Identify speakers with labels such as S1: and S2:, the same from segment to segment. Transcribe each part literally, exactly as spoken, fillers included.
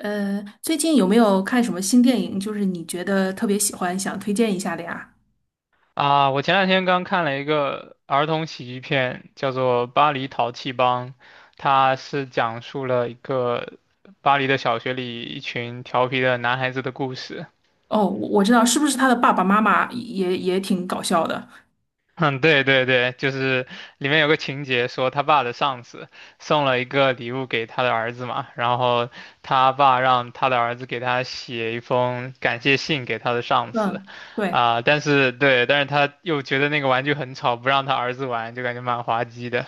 S1: 呃，最近有没有看什么新电影？就是你觉得特别喜欢，想推荐一下的呀？
S2: 啊，我前两天刚看了一个儿童喜剧片，叫做《巴黎淘气帮》，它是讲述了一个巴黎的小学里一群调皮的男孩子的故事。
S1: 哦，我我知道，是不是他的爸爸妈妈也也挺搞笑的？
S2: 嗯，对对对，就是里面有个情节说他爸的上司送了一个礼物给他的儿子嘛，然后他爸让他的儿子给他写一封感谢信给他的上司，
S1: 嗯，对，
S2: 啊、但是对，但是他又觉得那个玩具很吵，不让他儿子玩，就感觉蛮滑稽的。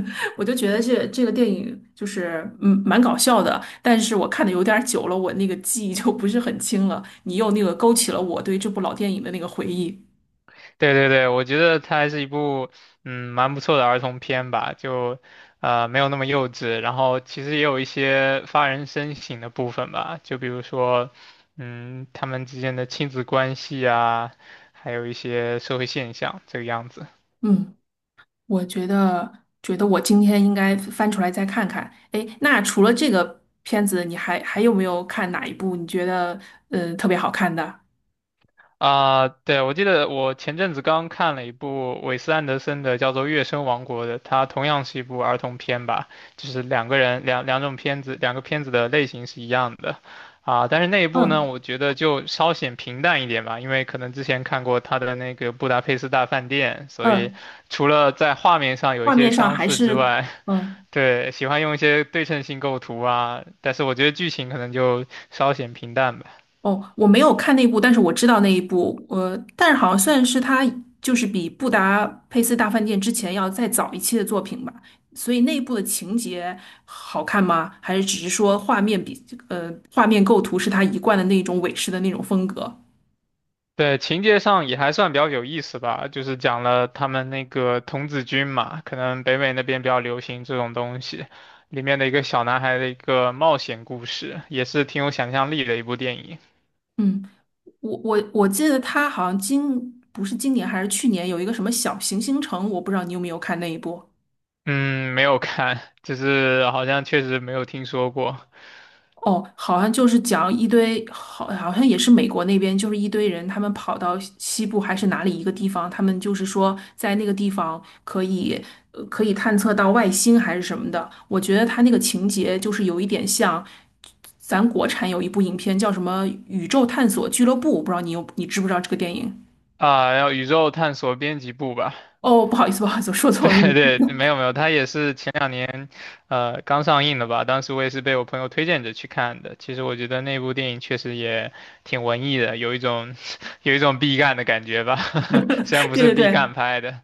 S1: 我就觉得这这个电影就是嗯蛮搞笑的，但是我看的有点儿久了，我那个记忆就不是很清了。你又那个勾起了我对这部老电影的那个回忆。
S2: 对对对，我觉得它还是一部嗯蛮不错的儿童片吧，就呃没有那么幼稚，然后其实也有一些发人深省的部分吧，就比如说嗯他们之间的亲子关系啊，还有一些社会现象这个样子。
S1: 嗯。我觉得，觉得我今天应该翻出来再看看。哎，那除了这个片子，你还还有没有看哪一部你觉得嗯呃特别好看的？
S2: 啊，对，我记得我前阵子刚看了一部韦斯安德森的，叫做《月升王国》的，它同样是一部儿童片吧，就是两个人两两种片子，两个片子的类型是一样的，啊，但是那一部呢，
S1: 嗯
S2: 我觉得就稍显平淡一点吧，因为可能之前看过他的那个《布达佩斯大饭店》，所以
S1: 嗯，
S2: 除了在画面上有一
S1: 画
S2: 些
S1: 面上
S2: 相
S1: 还
S2: 似之
S1: 是
S2: 外，
S1: 嗯
S2: 对，喜欢用一些对称性构图啊，但是我觉得剧情可能就稍显平淡吧。
S1: 哦，我没有看那部，但是我知道那一部，呃，但是好像算是他就是比《布达佩斯大饭店》之前要再早一期的作品吧。所以那一部的情节好看吗？还是只是说画面比呃画面构图是他一贯的那种美式的那种风格？
S2: 对，情节上也还算比较有意思吧，就是讲了他们那个童子军嘛，可能北美那边比较流行这种东西，里面的一个小男孩的一个冒险故事，也是挺有想象力的一部电影。
S1: 嗯。我我我记得他好像今不是今年还是去年有一个什么小行星城，我不知道你有没有看那一部。
S2: 嗯，没有看，就是好像确实没有听说过
S1: 哦，好像就是讲一堆，好，好像也是美国那边，就是一堆人，他们跑到西西部还是哪里一个地方，他们就是说在那个地方可以，呃，可以探测到外星还是什么的。我觉得他那个情节就是有一点像咱国产有一部影片叫什么《宇宙探索俱乐部》，我不知道你有你知不知道这个电影？
S2: 啊，然后宇宙探索编辑部吧，
S1: 哦，不好意思，不好意思，我说 错了那个
S2: 对对，没有没有，它也是前两年，呃，刚上映的吧。当时我也是被我朋友推荐着去看的。其实我觉得那部电影确实也挺文艺的，有一种 有一种毕赣的感觉吧，虽然不
S1: 对
S2: 是
S1: 对
S2: 毕
S1: 对，
S2: 赣拍的。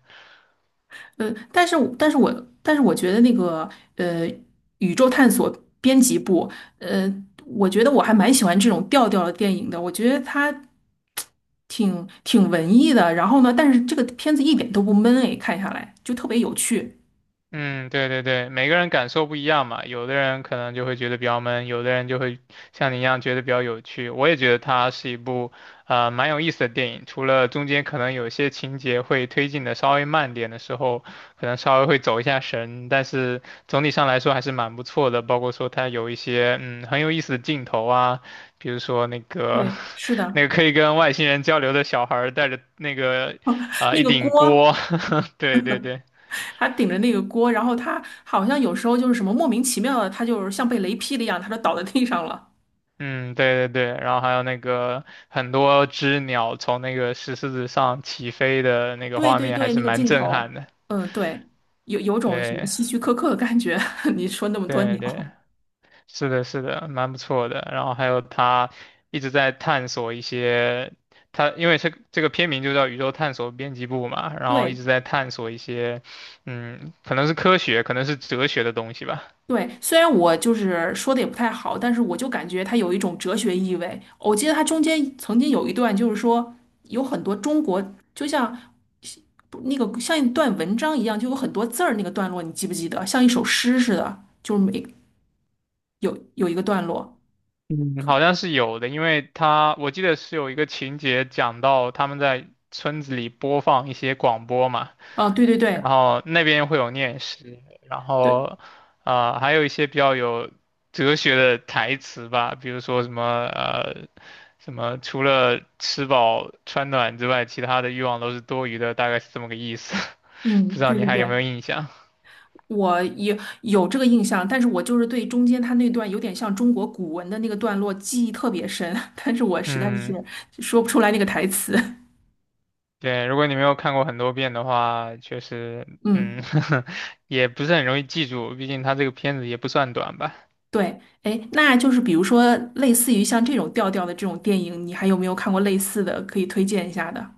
S1: 呃，但是但是我但是我觉得那个呃，宇宙探索编辑部，呃，我觉得我还蛮喜欢这种调调的电影的。我觉得它挺挺文艺的，然后呢，但是这个片子一点都不闷诶，看下来就特别有趣。
S2: 嗯，对对对，每个人感受不一样嘛，有的人可能就会觉得比较闷，有的人就会像你一样觉得比较有趣。我也觉得它是一部呃蛮有意思的电影，除了中间可能有些情节会推进的稍微慢点的时候，可能稍微会走一下神，但是总体上来说还是蛮不错的。包括说它有一些嗯很有意思的镜头啊，比如说那个
S1: 对 是
S2: 那
S1: 的，
S2: 个可以跟外星人交流的小孩儿带着那个啊、呃
S1: 那
S2: 一
S1: 个锅，
S2: 顶锅，对对对。
S1: 他顶着那个锅，然后他好像有时候就是什么莫名其妙的，他就是像被雷劈了一样，他就倒在地上了。
S2: 嗯，对对对，然后还有那个很多只鸟从那个石狮子上起飞的那个
S1: 对
S2: 画
S1: 对
S2: 面，还
S1: 对，
S2: 是
S1: 那个
S2: 蛮
S1: 镜
S2: 震
S1: 头，
S2: 撼的。
S1: 嗯，对，有有种什么
S2: 对
S1: 希区柯克的感觉。你说那么多
S2: 对
S1: 鸟，
S2: 对，是的，是的，蛮不错的。然后还有他一直在探索一些，他因为这个这个片名就叫《宇宙探索编辑部》嘛，然后一
S1: 对
S2: 直在探索一些，嗯，可能是科学，可能是哲学的东西吧。
S1: 对，虽然我就是说的也不太好，但是我就感觉它有一种哲学意味。我记得它中间曾经有一段，就是说有很多中国，就像不那个像一段文章一样，就有很多字儿那个段落，你记不记得？像一首诗似的，就是每有有一个段落。
S2: 嗯，好像是有的，因为他我记得是有一个情节讲到他们在村子里播放一些广播嘛，
S1: 啊，对对
S2: 然
S1: 对
S2: 后那边会有念诗，然
S1: 对，
S2: 后呃还有一些比较有哲学的台词吧，比如说什么呃什么除了吃饱穿暖之外，其他的欲望都是多余的，大概是这么个意思，不知
S1: 嗯，
S2: 道
S1: 对
S2: 你
S1: 对
S2: 还有没有
S1: 对。
S2: 印象？
S1: 我也有这个印象，但是我就是对中间他那段有点像中国古文的那个段落记忆特别深，但是我实在
S2: 嗯。
S1: 是说不出来那个台词。
S2: 对，如果你没有看过很多遍的话，确实，
S1: 嗯，
S2: 嗯，也不是很容易记住，毕竟它这个片子也不算短吧。
S1: 对，哎，那就是比如说类似于像这种调调的这种电影，你还有没有看过类似的可以推荐一下的？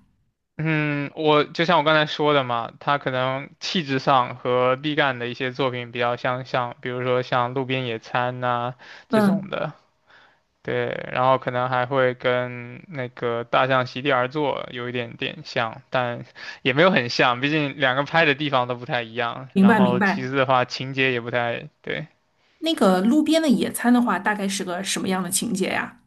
S2: 嗯，我就像我刚才说的嘛，它可能气质上和毕赣的一些作品比较相像，比如说像《路边野餐》呐这种
S1: 嗯，
S2: 的，对，然后可能还会跟那个《大象席地而坐》有一点点像，但也没有很像，毕竟两个拍的地方都不太一样，
S1: 明
S2: 然
S1: 白明
S2: 后其
S1: 白。
S2: 次的话，情节也不太对。
S1: 那个路边的野餐的话，大概是个什么样的情节呀？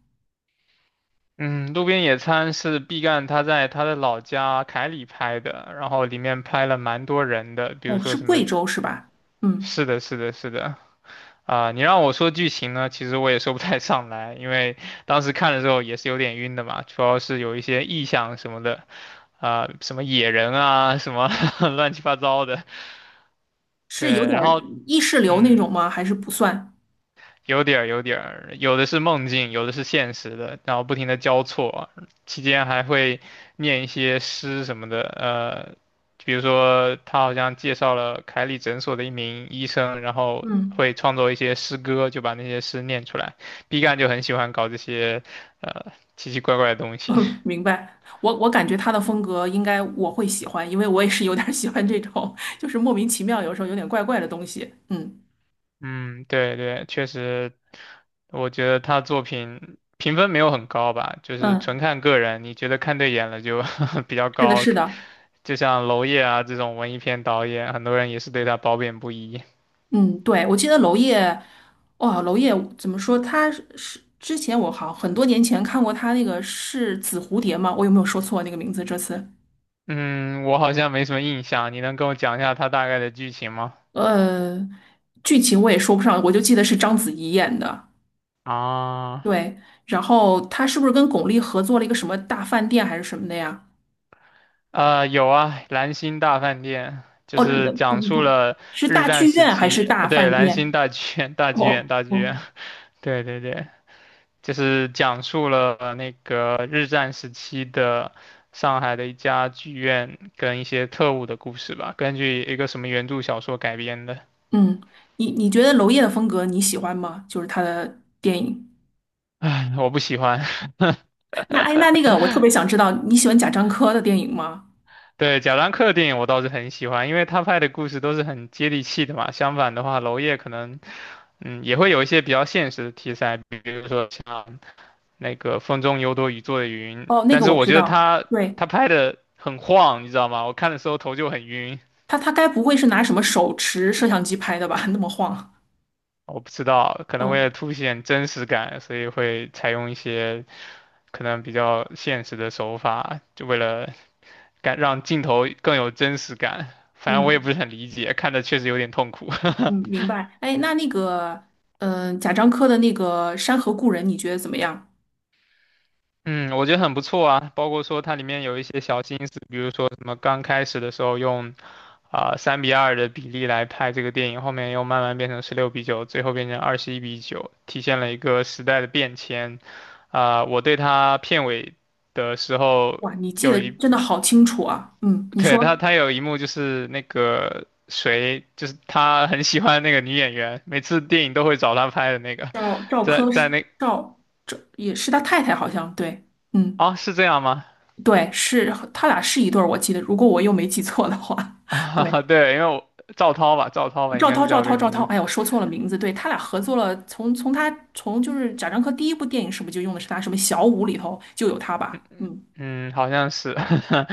S2: 嗯，路边野餐是毕赣他在他的老家凯里拍的，然后里面拍了蛮多人的，比如
S1: 哦，
S2: 说
S1: 是
S2: 什
S1: 贵
S2: 么，
S1: 州是吧？嗯，
S2: 是的，是的，是的，啊、你让我说剧情呢，其实我也说不太上来，因为当时看的时候也是有点晕的嘛，主要是有一些意象什么的，啊、什么野人啊，什么 乱七八糟的，对，
S1: 是有点
S2: 然
S1: 儿
S2: 后。
S1: 意识流那
S2: 嗯，
S1: 种吗？还是不算？
S2: 有点儿有点儿，有的是梦境，有的是现实的，然后不停的交错，期间还会念一些诗什么的，呃，比如说他好像介绍了凯里诊所的一名医生，然后
S1: 嗯。
S2: 会创作一些诗歌，就把那些诗念出来。B 站就很喜欢搞这些，呃，奇奇怪怪的东西。
S1: 明白，我我感觉他的风格应该我会喜欢，因为我也是有点儿喜欢这种，就是莫名其妙，有时候有点怪怪的东西。嗯
S2: 嗯，对对，确实我觉得他作品评分没有很高吧，就是纯
S1: 嗯，
S2: 看个人，你觉得看对眼了就 比较
S1: 是的，
S2: 高，
S1: 是的，
S2: 就像娄烨啊这种文艺片导演，很多人也是对他褒贬不一。
S1: 嗯，对，我记得娄烨，哇，娄烨怎么说？他是是之前我好很多年前看过他那个是紫蝴蝶吗？我有没有说错那个名字？这次，
S2: 嗯，我好像没什么印象，你能跟我讲一下他大概的剧情吗？
S1: 呃，剧情我也说不上，我就记得是章子怡演的。
S2: 啊，
S1: 对，然后他是不是跟巩俐合作了一个什么大饭店还是什么的呀？
S2: 呃，有啊，《蓝星大饭店》就
S1: 哦，
S2: 是
S1: 不
S2: 讲
S1: 不
S2: 述
S1: 不，
S2: 了
S1: 是
S2: 日
S1: 大
S2: 战
S1: 剧
S2: 时
S1: 院还是
S2: 期，
S1: 大
S2: 呃，对，
S1: 饭
S2: 蓝星
S1: 店？
S2: 大剧院，大剧院，
S1: 哦
S2: 大剧院，
S1: 哦，
S2: 对对对，就是讲述了那个日战时期的上海的一家剧院跟一些特务的故事吧，根据一个什么原著小说改编的。
S1: 嗯，你你觉得娄烨的风格你喜欢吗？就是他的电影。
S2: 唉，我不喜欢。
S1: 那哎，那那个我特别想知道，你喜欢贾樟柯的电影吗？
S2: 对，贾樟柯的电影我倒是很喜欢，因为他拍的故事都是很接地气的嘛。相反的话，娄烨可能，嗯，也会有一些比较现实的题材，比如说像那个《风中有朵雨做的云》，
S1: 哦，那
S2: 但
S1: 个
S2: 是
S1: 我
S2: 我
S1: 知
S2: 觉得
S1: 道，
S2: 他
S1: 对，
S2: 他拍的很晃，你知道吗？我看的时候头就很晕。
S1: 他他该不会是拿什么手持摄像机拍的吧？那么晃。
S2: 我不知道，可能为
S1: 哦，
S2: 了凸显真实感，所以会采用一些可能比较现实的手法，就为了感让镜头更有真实感。反正我也不
S1: 嗯
S2: 是很理解，看着确实有点痛苦。
S1: 嗯，明 白。哎，那那个，嗯、贾樟柯的那个《山河故人》，你觉得怎么样？
S2: 嗯，我觉得很不错啊，包括说它里面有一些小心思，比如说什么刚开始的时候用啊三比二的比例来拍这个电影，后面又慢慢变成十六比九，最后变成二十一比九，体现了一个时代的变迁。啊、我对他片尾的时候
S1: 哇，你记
S2: 有
S1: 得
S2: 一，
S1: 真的好清楚啊。嗯，你说。
S2: 对他他有一幕就是那个谁，就是他很喜欢那个女演员，每次电影都会找他拍的那个，
S1: 赵赵
S2: 在
S1: 柯
S2: 在
S1: 是
S2: 那
S1: 赵赵也是他太太，好像对，嗯，
S2: 啊、是这样吗？
S1: 对，是他俩是一对儿，我记得，如果我又没记错的话，对，
S2: 对，因为我赵涛吧，赵涛吧，应
S1: 赵
S2: 该
S1: 涛，
S2: 是
S1: 赵
S2: 叫这
S1: 涛，
S2: 个
S1: 赵
S2: 名
S1: 涛，
S2: 字。
S1: 哎呀我说错了名字，对他俩合作了，从从他从就是贾樟柯第一部电影是不是就用的是他什么小五里头就有他吧？嗯
S2: 嗯，好像是，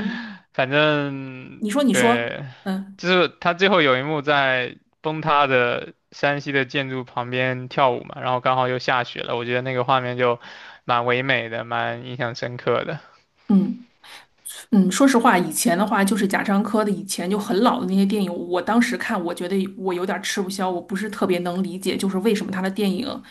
S1: 嗯，
S2: 反正
S1: 你说你说，
S2: 对，
S1: 嗯
S2: 就是他最后有一幕在崩塌的山西的建筑旁边跳舞嘛，然后刚好又下雪了，我觉得那个画面就蛮唯美的，蛮印象深刻的。
S1: 嗯。嗯，说实话，以前的话就是贾樟柯的以前就很老的那些电影，我当时看，我觉得我有点儿吃不消，我不是特别能理解，就是为什么他的电影，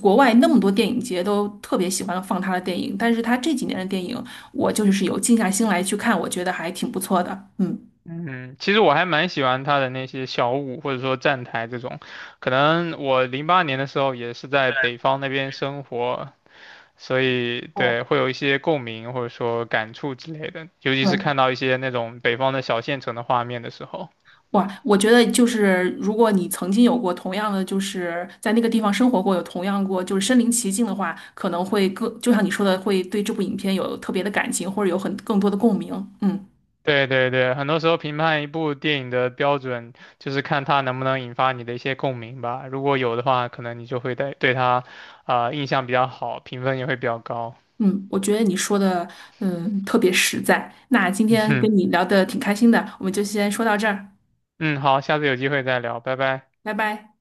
S1: 国外那么多电影节都特别喜欢放他的电影，但是他这几年的电影，我就是有静下心来去看，我觉得还挺不错的。嗯，
S2: 嗯，其实我还蛮喜欢他的那些小舞或者说站台这种，可能我零八年的时候也是在北方那边生活，所以
S1: 哦，
S2: 对，会有一些共鸣或者说感触之类的，尤其是看
S1: 对。
S2: 到一些那种北方的小县城的画面的时候。
S1: 哇，我觉得就是如果你曾经有过同样的，就是在那个地方生活过，有同样过就是身临其境的话，可能会更，就像你说的，会对这部影片有特别的感情，或者有很更多的共鸣。嗯
S2: 对对对，很多时候评判一部电影的标准就是看它能不能引发你的一些共鸣吧。如果有的话，可能你就会对对它，啊、印象比较好，评分也会比较高。
S1: 嗯，我觉得你说的嗯特别实在。那今天跟你 聊的挺开心的，我们就先说到这儿，
S2: 嗯，好，下次有机会再聊，拜拜。
S1: 拜拜。